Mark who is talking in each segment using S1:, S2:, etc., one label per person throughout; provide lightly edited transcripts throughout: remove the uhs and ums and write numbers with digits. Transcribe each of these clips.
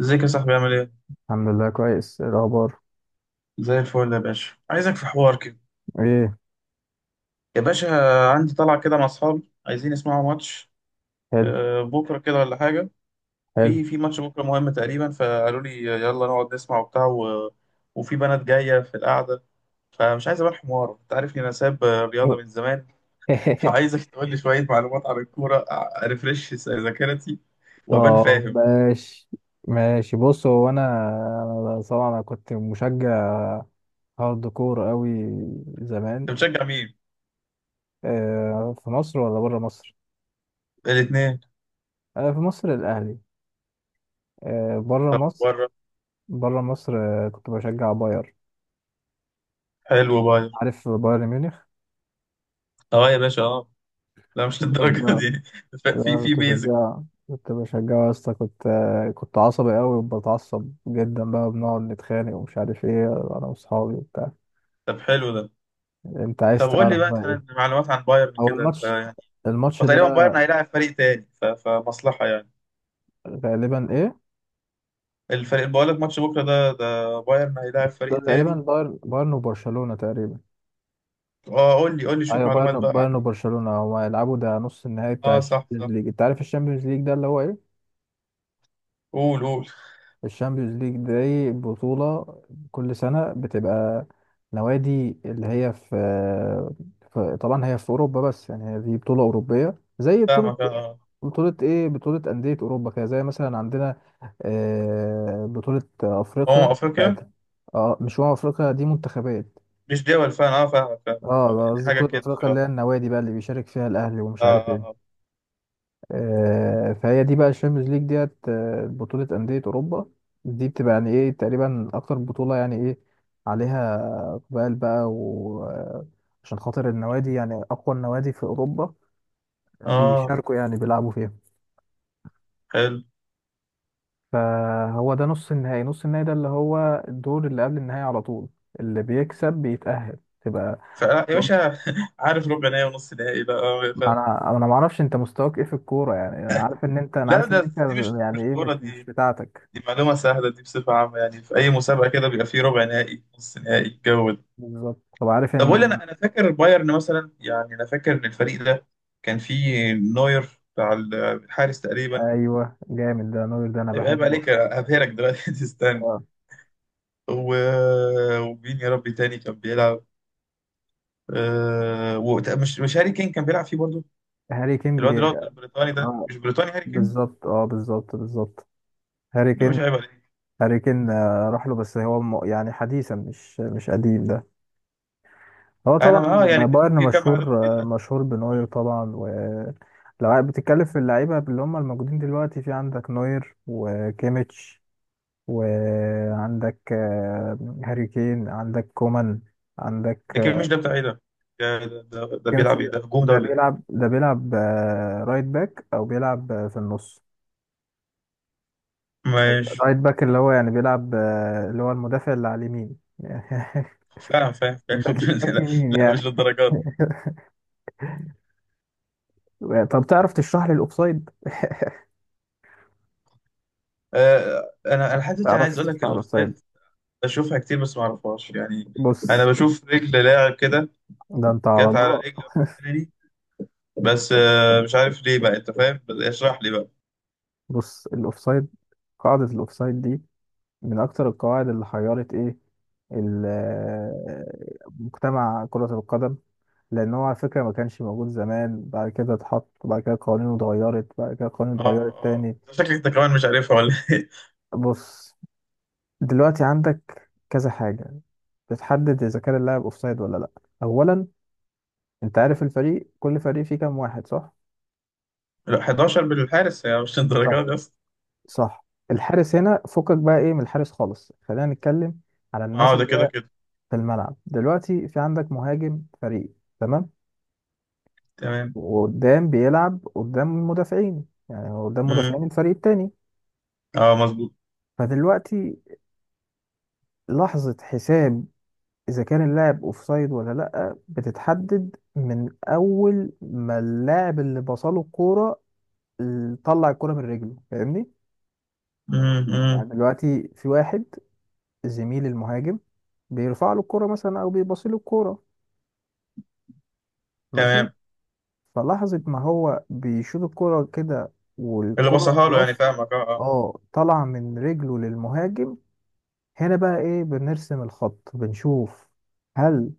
S1: ازيك يا صاحبي عامل ايه؟
S2: الحمد لله كويس. إيه الأخبار؟
S1: زي الفل يا باشا، عايزك في حوار كده.
S2: إيه؟
S1: يا باشا، عندي طلعة كده مع اصحابي عايزين يسمعوا ماتش.
S2: حلو.
S1: آه، بكرة كده ولا حاجة.
S2: حلو.
S1: في ماتش بكرة مهم تقريبا، فقالوا لي يلا نقعد نسمع وبتاع وفي بنات جاية في القعدة. فمش عايز ابان حمار، انت عارفني انا ساب رياضة من زمان. فعايزك تقول لي شوية معلومات عن الكورة، ارفرش ذاكرتي وابان فاهم
S2: طب
S1: انت.
S2: ماشي. ماشي، بص، هو أنا طبعا أنا كنت مشجع هارد كور قوي زمان.
S1: بتشجع مين؟
S2: في مصر ولا بره مصر؟
S1: الاتنين.
S2: في مصر الأهلي. بره مصر.
S1: بره.
S2: بره مصر، كنت بشجع باير.
S1: حلو باير.
S2: عارف بايرن ميونخ؟
S1: اه يا باشا اه. لا مش للدرجة
S2: بشجع.
S1: دي. في
S2: لا
S1: في
S2: كنت
S1: بيزك.
S2: بشجع، كنت يا اسطى، كنت كنت عصبي قوي وبتعصب جدا بقى، بنقعد نتخانق ومش عارف ايه، انا واصحابي وبتاع.
S1: طب حلو ده.
S2: انت عايز
S1: طب قول
S2: تعرف
S1: لي بقى
S2: بقى
S1: مثلا
S2: ايه؟
S1: معلومات عن بايرن
S2: هو
S1: كده أنت
S2: الماتش،
S1: يعني.
S2: الماتش
S1: هو
S2: ده
S1: تقريبا بايرن هيلاعب فريق تاني فمصلحة يعني.
S2: غالبا ايه،
S1: الفريق اللي بقول لك ماتش بكرة ده بايرن هيلاعب
S2: ده
S1: فريق
S2: تقريبا
S1: تاني.
S2: بايرن وبرشلونة تقريبا.
S1: اه قول لي قول لي شوية
S2: ايوه
S1: معلومات
S2: بايرن
S1: بقى عن.
S2: بايرن وبرشلونة هما هيلعبوا، ده نص النهائي بتاع
S1: اه صح
S2: الشامبيونز
S1: صح.
S2: ليج. انت عارف الشامبيونز ليج ده اللي هو ايه؟
S1: قول قول.
S2: الشامبيونز ليج دي بطولة كل سنة بتبقى، نوادي اللي هي في طبعا هي في أوروبا، بس يعني هي دي بطولة أوروبية، زي بطولة،
S1: فاهمك اه.
S2: بطولة إيه، بطولة أندية أوروبا كده. زي مثلا عندنا بطولة أفريقيا
S1: اه افريقيا.
S2: بتاعت، اه مش هو أفريقيا دي منتخبات،
S1: مش دول، فاهم اه، فاهمك، فاهم
S2: اه
S1: يعني
S2: قصدي
S1: حاجة
S2: بطولة
S1: كده
S2: أفريقيا اللي هي
S1: شبه.
S2: النوادي بقى اللي بيشارك فيها الأهلي ومش عارف
S1: اه اه
S2: إيه. فهي دي بقى الشامبيونز ليج ديت، بطولة أندية أوروبا. دي بتبقى يعني إيه تقريبا أكتر بطولة يعني إيه عليها إقبال بقى، وعشان خاطر النوادي يعني أقوى النوادي في أوروبا
S1: اه آه،
S2: بيشاركوا يعني بيلعبوا فيها.
S1: حلو.
S2: فهو ده نص النهائي، نص النهائي ده اللي هو الدور اللي قبل النهائي على طول، اللي بيكسب بيتأهل تبقى.
S1: يا باشا عارف ربع نهائي ونص نهائي بقى، فاهم.
S2: انا ما اعرفش انت مستواك ايه في الكوره، يعني انا عارف ان انت، انا
S1: لا،
S2: عارف ان انت
S1: دي مش
S2: يعني
S1: مش
S2: ايه،
S1: كورة دي.
S2: مش بتاعتك.
S1: دي معلومة سهلة، دي بصفة عامة يعني. في أي مسابقة كده بيبقى فيه ربع نهائي نص نهائي الجو ده.
S2: بالظبط. طب عارف
S1: طب قول لي،
S2: ان
S1: أنا فاكر بايرن مثلا. يعني أنا فاكر إن الفريق ده كان فيه نوير بتاع الحارس تقريبا.
S2: ايوه جامد ده نوير، ده انا
S1: هيبقى عيب
S2: بحبه.
S1: عليك، هبهرك دلوقتي تستنى
S2: آه.
S1: و... ومين يا ربي تاني كان بيلعب؟ مش هاري كين كان بيلعب فيه برضه.
S2: هاري كين
S1: الواد اللي هو
S2: بيجي،
S1: البريطاني ده،
S2: اه
S1: مش بريطاني هاري كين.
S2: بالظبط، اه بالظبط بالظبط هاري
S1: ده مش
S2: كين.
S1: عيب عليك.
S2: هاري كين راح له، بس هو يعني حديثا، مش مش قديم ده. هو
S1: أنا
S2: طبعا
S1: ما يعني.
S2: بايرن
S1: في كام معلومة
S2: مشهور،
S1: كده.
S2: مشهور بنوير طبعا. ولو بتتكلم في اللعيبه اللي هم الموجودين دلوقتي، في عندك نوير وكيميتش، وعندك هاري كين، عندك كومان، عندك
S1: لكن مش ده بتاع إيه ده. ده
S2: جيمس.
S1: بيلعب إيه،
S2: ده
S1: ده هجوم ده
S2: ده
S1: ولا.
S2: بيلعب ده بيلعب رايت باك، او بيلعب في النص.
S1: ماشي.
S2: رايت باك اللي هو يعني بيلعب، اللي هو المدافع اللي على اليمين.
S1: فاهم فاهم فاهم
S2: باك، باك
S1: لا
S2: يمين
S1: لا مش
S2: يعني.
S1: للدرجات.
S2: طب تعرف تشرح لي الاوفسايد؟
S1: آه، انا حتى انا عايز
S2: تعرفش
S1: اقول لك
S2: تشرح الاوفسايد؟
S1: الاوفسايد. بشوفها كتير بس ما اعرفهاش يعني. انا
S2: بص،
S1: بشوف رجل لاعب كده
S2: ده انت على
S1: جت على
S2: الله.
S1: رجل الثاني. بس مش عارف ليه بقى، انت فاهم، بس اشرح لي بقى.
S2: بص، الاوفسايد، قاعدة الاوفسايد دي من اكتر القواعد اللي حيرت ايه، ال- آه، مجتمع كرة القدم. لان هو على فكرة ما كانش موجود زمان، بعد كده اتحط، بعد كده قوانينه اتغيرت، بعد كده قوانينه
S1: اه
S2: اتغيرت
S1: اه،
S2: تاني.
S1: شكلك انت كمان مش عارفها ولا ايه؟
S2: بص، دلوقتي عندك كذا حاجة بتحدد اذا كان اللاعب اوفسايد ولا لا. اولا، انت عارف الفريق كل فريق فيه كام واحد صح؟
S1: لا، 11 بالحارس يعني، مش للدرجات
S2: صح،
S1: دي اصلا.
S2: صح.
S1: مم.
S2: الحارس هنا فكك بقى ايه من الحارس خالص، خلينا نتكلم على الناس
S1: اه ده
S2: اللي
S1: كده
S2: هي
S1: كده.
S2: في الملعب دلوقتي. في عندك مهاجم فريق، تمام،
S1: تمام.
S2: وقدام بيلعب قدام المدافعين، يعني هو قدام
S1: مم.
S2: مدافعين الفريق التاني.
S1: اه مظبوط.
S2: فدلوقتي، لحظة حساب إذا كان اللاعب أوفسايد ولا لأ، بتتحدد من أول ما اللاعب اللي بصله الكورة، طلع الكورة من رجله، فاهمني؟
S1: مم. مم.
S2: يعني دلوقتي في واحد، زميل المهاجم، بيرفع له الكورة مثلا أو بيبص له الكورة، ماشي؟
S1: تمام.
S2: فلحظة ما هو بيشوط الكورة كده،
S1: اللي
S2: والكورة
S1: بصها له يعني،
S2: خلاص
S1: فاهمك اه اه.
S2: اه طالعة من رجله للمهاجم، هنا بقى ايه، بنرسم الخط، بنشوف هل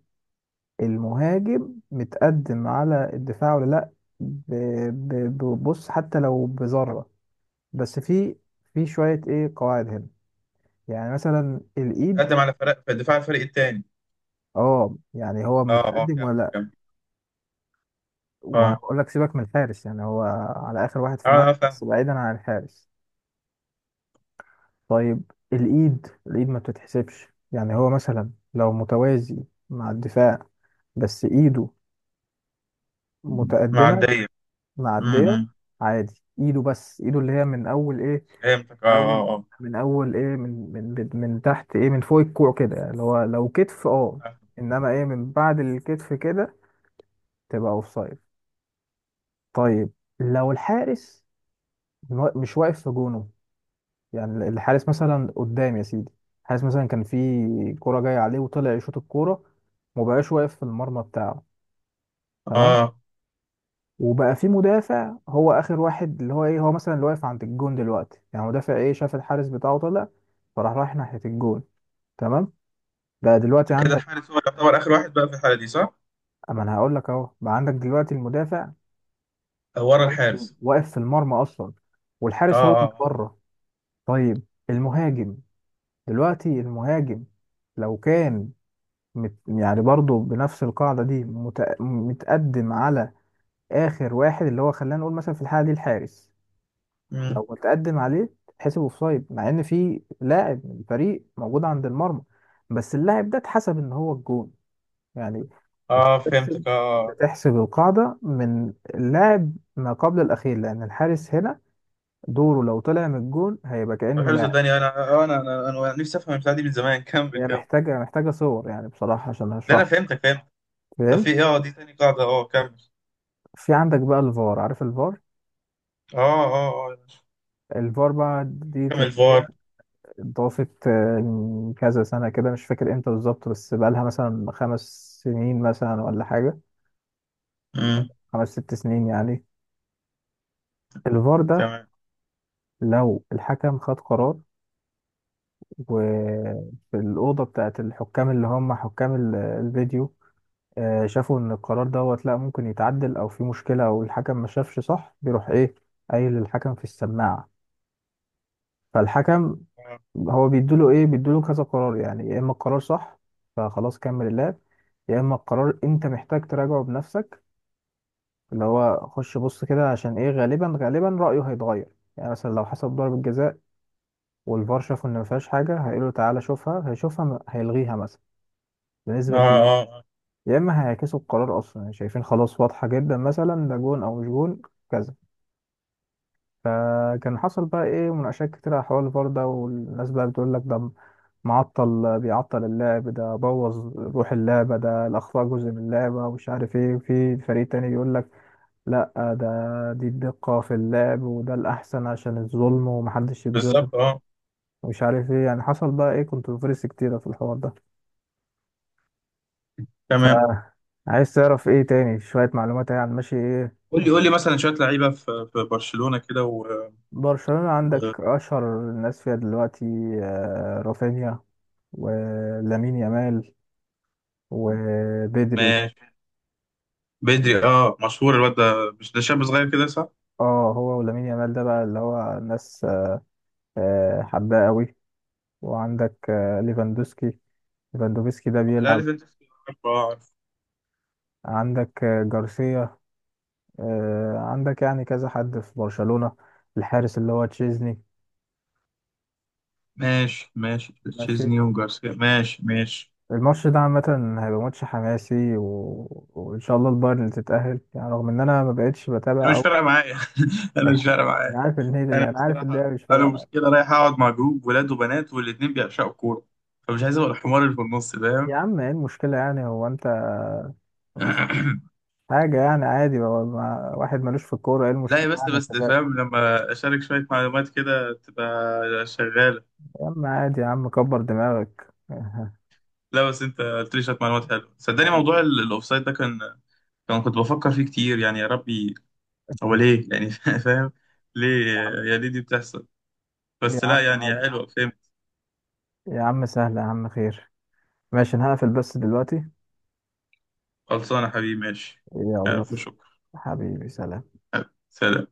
S2: المهاجم متقدم على الدفاع ولا لا. ب- ببص حتى لو بذرة. بس في شوية ايه قواعد هنا، يعني مثلا الايد.
S1: قدم على فرق دفاع الفريق التاني.
S2: اه يعني هو
S1: اه اه
S2: متقدم ولا
S1: كمل
S2: لا.
S1: كمل.
S2: وانا
S1: اه
S2: بقول لك سيبك من الحارس، يعني هو على اخر واحد في
S1: اه
S2: الملعب بس
S1: فاهم.
S2: بعيدا عن الحارس. طيب الايد، الايد ما بتتحسبش. يعني هو مثلا لو متوازي مع الدفاع بس ايده متقدمة،
S1: معدية.
S2: معدية،
S1: امم.
S2: عادي ايده، بس ايده اللي هي من اول ايه،
S1: فهمتك
S2: من
S1: اه.
S2: اول،
S1: اه
S2: من اول ايه، من تحت ايه، من فوق الكوع كده، يعني اللي هو لو كتف اه،
S1: اه
S2: انما ايه من بعد الكتف كده تبقى اوفسايد. طيب لو الحارس مش واقف في جونه، يعني الحارس مثلا قدام يا سيدي، الحارس مثلا كان في كرة جاية عليه وطلع يشوط الكورة ومبقاش واقف في المرمى بتاعه،
S1: اه
S2: تمام،
S1: اه.
S2: وبقى في مدافع هو اخر واحد اللي هو ايه، هو مثلا اللي واقف عند الجون دلوقتي، يعني مدافع ايه شاف الحارس بتاعه طلع، فراح رايح ناحية الجون، تمام. بقى دلوقتي
S1: كده
S2: عندك،
S1: الحارس هو يعتبر آخر واحد بقى في الحالة دي، صح؟
S2: اما انا هقول لك اهو، بقى عندك دلوقتي المدافع
S1: آه، ورا
S2: واقف في
S1: الحارس.
S2: واقف في المرمى اصلا،
S1: اه
S2: والحارس هو
S1: اه
S2: اللي
S1: اه.
S2: بره. طيب، المهاجم دلوقتي، المهاجم لو كان يعني برضه بنفس القاعدة دي، متقدم على آخر واحد اللي هو خلينا نقول مثلا في الحالة دي الحارس،
S1: مم.
S2: لو اتقدم عليه تحسب اوفسايد، مع ان في لاعب من الفريق موجود عند المرمى، بس اللاعب ده اتحسب ان هو الجون يعني. انت
S1: اه
S2: بتحسب،
S1: فهمتك اه. آه.
S2: بتحسب القاعده من اللاعب ما قبل الاخير، لان الحارس هنا دوره لو طلع من الجون هيبقى
S1: طب
S2: كانه
S1: حلو،
S2: لاعب.
S1: صدقني انا. آه، انا نفسي افهم البتاعة دي من زمان كمل
S2: هي
S1: كمل.
S2: محتاجه صور يعني بصراحه عشان
S1: لا،
S2: اشرح
S1: انا
S2: لك،
S1: فهمتك فهمت. طب
S2: فاهم؟
S1: في إيه؟ اه، دي تاني قاعدة، اه كمل.
S2: في عندك بقى الفار، عارف الفار؟
S1: اه اه اه اه.
S2: الفار بقى دي
S1: كمل
S2: تقنيه
S1: فار.
S2: اتضافت من كذا سنة كده، مش فاكر امتى بالظبط، بس بقالها مثلا 5 سنين مثلا ولا حاجة،
S1: امم.
S2: 5 6 سنين يعني. الفار ده
S1: تمام.
S2: لو الحكم خد قرار، وفي الأوضة بتاعت الحكام اللي هم حكام الفيديو، شافوا إن القرار دوت لأ، ممكن يتعدل أو في مشكلة أو الحكم ما شافش صح، بيروح إيه قايل للحكم في السماعة، فالحكم
S1: اه
S2: هو بيدوله ايه، بيدوله كذا قرار. يعني يا اما القرار صح فخلاص كمل اللعب، يا اما القرار انت محتاج تراجعه بنفسك، اللي هو خش بص كده، عشان ايه غالبا غالبا رأيه هيتغير، يعني مثلا لو حسب ضربة جزاء والفار شافوا ان ما فيهاش حاجة، هيقولوا تعالى شوفها، هيشوفها هيلغيها مثلا
S1: اه
S2: بنسبة كبيرة،
S1: آه، آه.
S2: يا اما هيعكسوا القرار اصلا، يعني شايفين خلاص واضحة جدا مثلا ده جون او مش جون كذا. فكان حصل بقى ايه مناقشات كتير على حوار الفار ده، والناس بقى بتقول لك ده معطل، بيعطل اللعب، ده بوظ روح اللعبة، ده الأخطاء جزء من اللعبة ومش عارف إيه، وفي فريق تاني بيقول لك لأ، ده دي الدقة في اللعب، وده الأحسن عشان الظلم، ومحدش يتظلم
S1: بالظبط اه.
S2: ومش عارف إيه. يعني حصل بقى إيه كونتروفيرسي كتيرة في الحوار ده.
S1: تمام.
S2: فعايز تعرف إيه تاني، شوية معلومات يعني عن ماشي إيه
S1: قول لي قول
S2: عشان
S1: لي مثلا شوية لعيبة في برشلونة كده
S2: برشلونة؟ عندك أشهر الناس فيها دلوقتي، رافينيا ولامين يامال وبدري.
S1: ماشي. بدري اه مشهور، الواد ده مش ده شاب صغير كده صح؟
S2: اه هو ولامين يامال ده بقى اللي هو الناس حباه قوي. وعندك ليفاندوسكي، ليفاندوفسكي ده
S1: لا
S2: بيلعب.
S1: عارف انت. عارفه اه عارفه.
S2: عندك جارسيا، عندك يعني كذا حد في برشلونة، الحارس اللي هو تشيزني.
S1: ماشي ماشي
S2: ماشي.
S1: تشيزني وجارسيا، ماشي ماشي.
S2: الماتش ده عامة هيبقى ماتش حماسي، وإن شاء الله البايرن اللي تتأهل، يعني رغم إن أنا ما بقتش
S1: انا
S2: بتابع
S1: مش
S2: أوي.
S1: فارقه معايا انا مش فارقه
S2: أنا
S1: معايا.
S2: عارف إن هي،
S1: انا
S2: أنا عارف إن
S1: بصراحه.
S2: هي مش
S1: انا
S2: فارقة معايا.
S1: مش كده، رايح اقعد مع جروب ولاد وبنات والاتنين بيعشقوا الكوره. فمش عايز ابقى الحمار اللي في النص،
S2: يا
S1: فاهم.
S2: عم إيه المشكلة، يعني هو أنت حاجة يعني عادي بقى، واحد ملوش في الكورة، ايه
S1: لا يا،
S2: المشكلة
S1: بس
S2: يعني يا
S1: بس
S2: شباب؟
S1: فاهم، لما اشارك شويه معلومات كده تبقى شغاله.
S2: يا عم عادي، يا عم كبر دماغك.
S1: لا بس انت قلت لي شويه معلومات حلوه، صدقني موضوع الاوفسايد ده كان، كنت بفكر فيه كتير يعني. يا ربي هو
S2: يا
S1: ليه يعني فاهم. ليه،
S2: عم،
S1: يا ليه دي بتحصل.
S2: يا
S1: بس لا
S2: عم
S1: يعني، يا
S2: عادي،
S1: حلوة فهمت.
S2: يا عم سهلة، يا عم خير. ماشي انا هقفل بس دلوقتي.
S1: خلصانة حبيبي ماشي.
S2: يلا
S1: ألف شكر.
S2: حبيبي، سلام.
S1: سلام.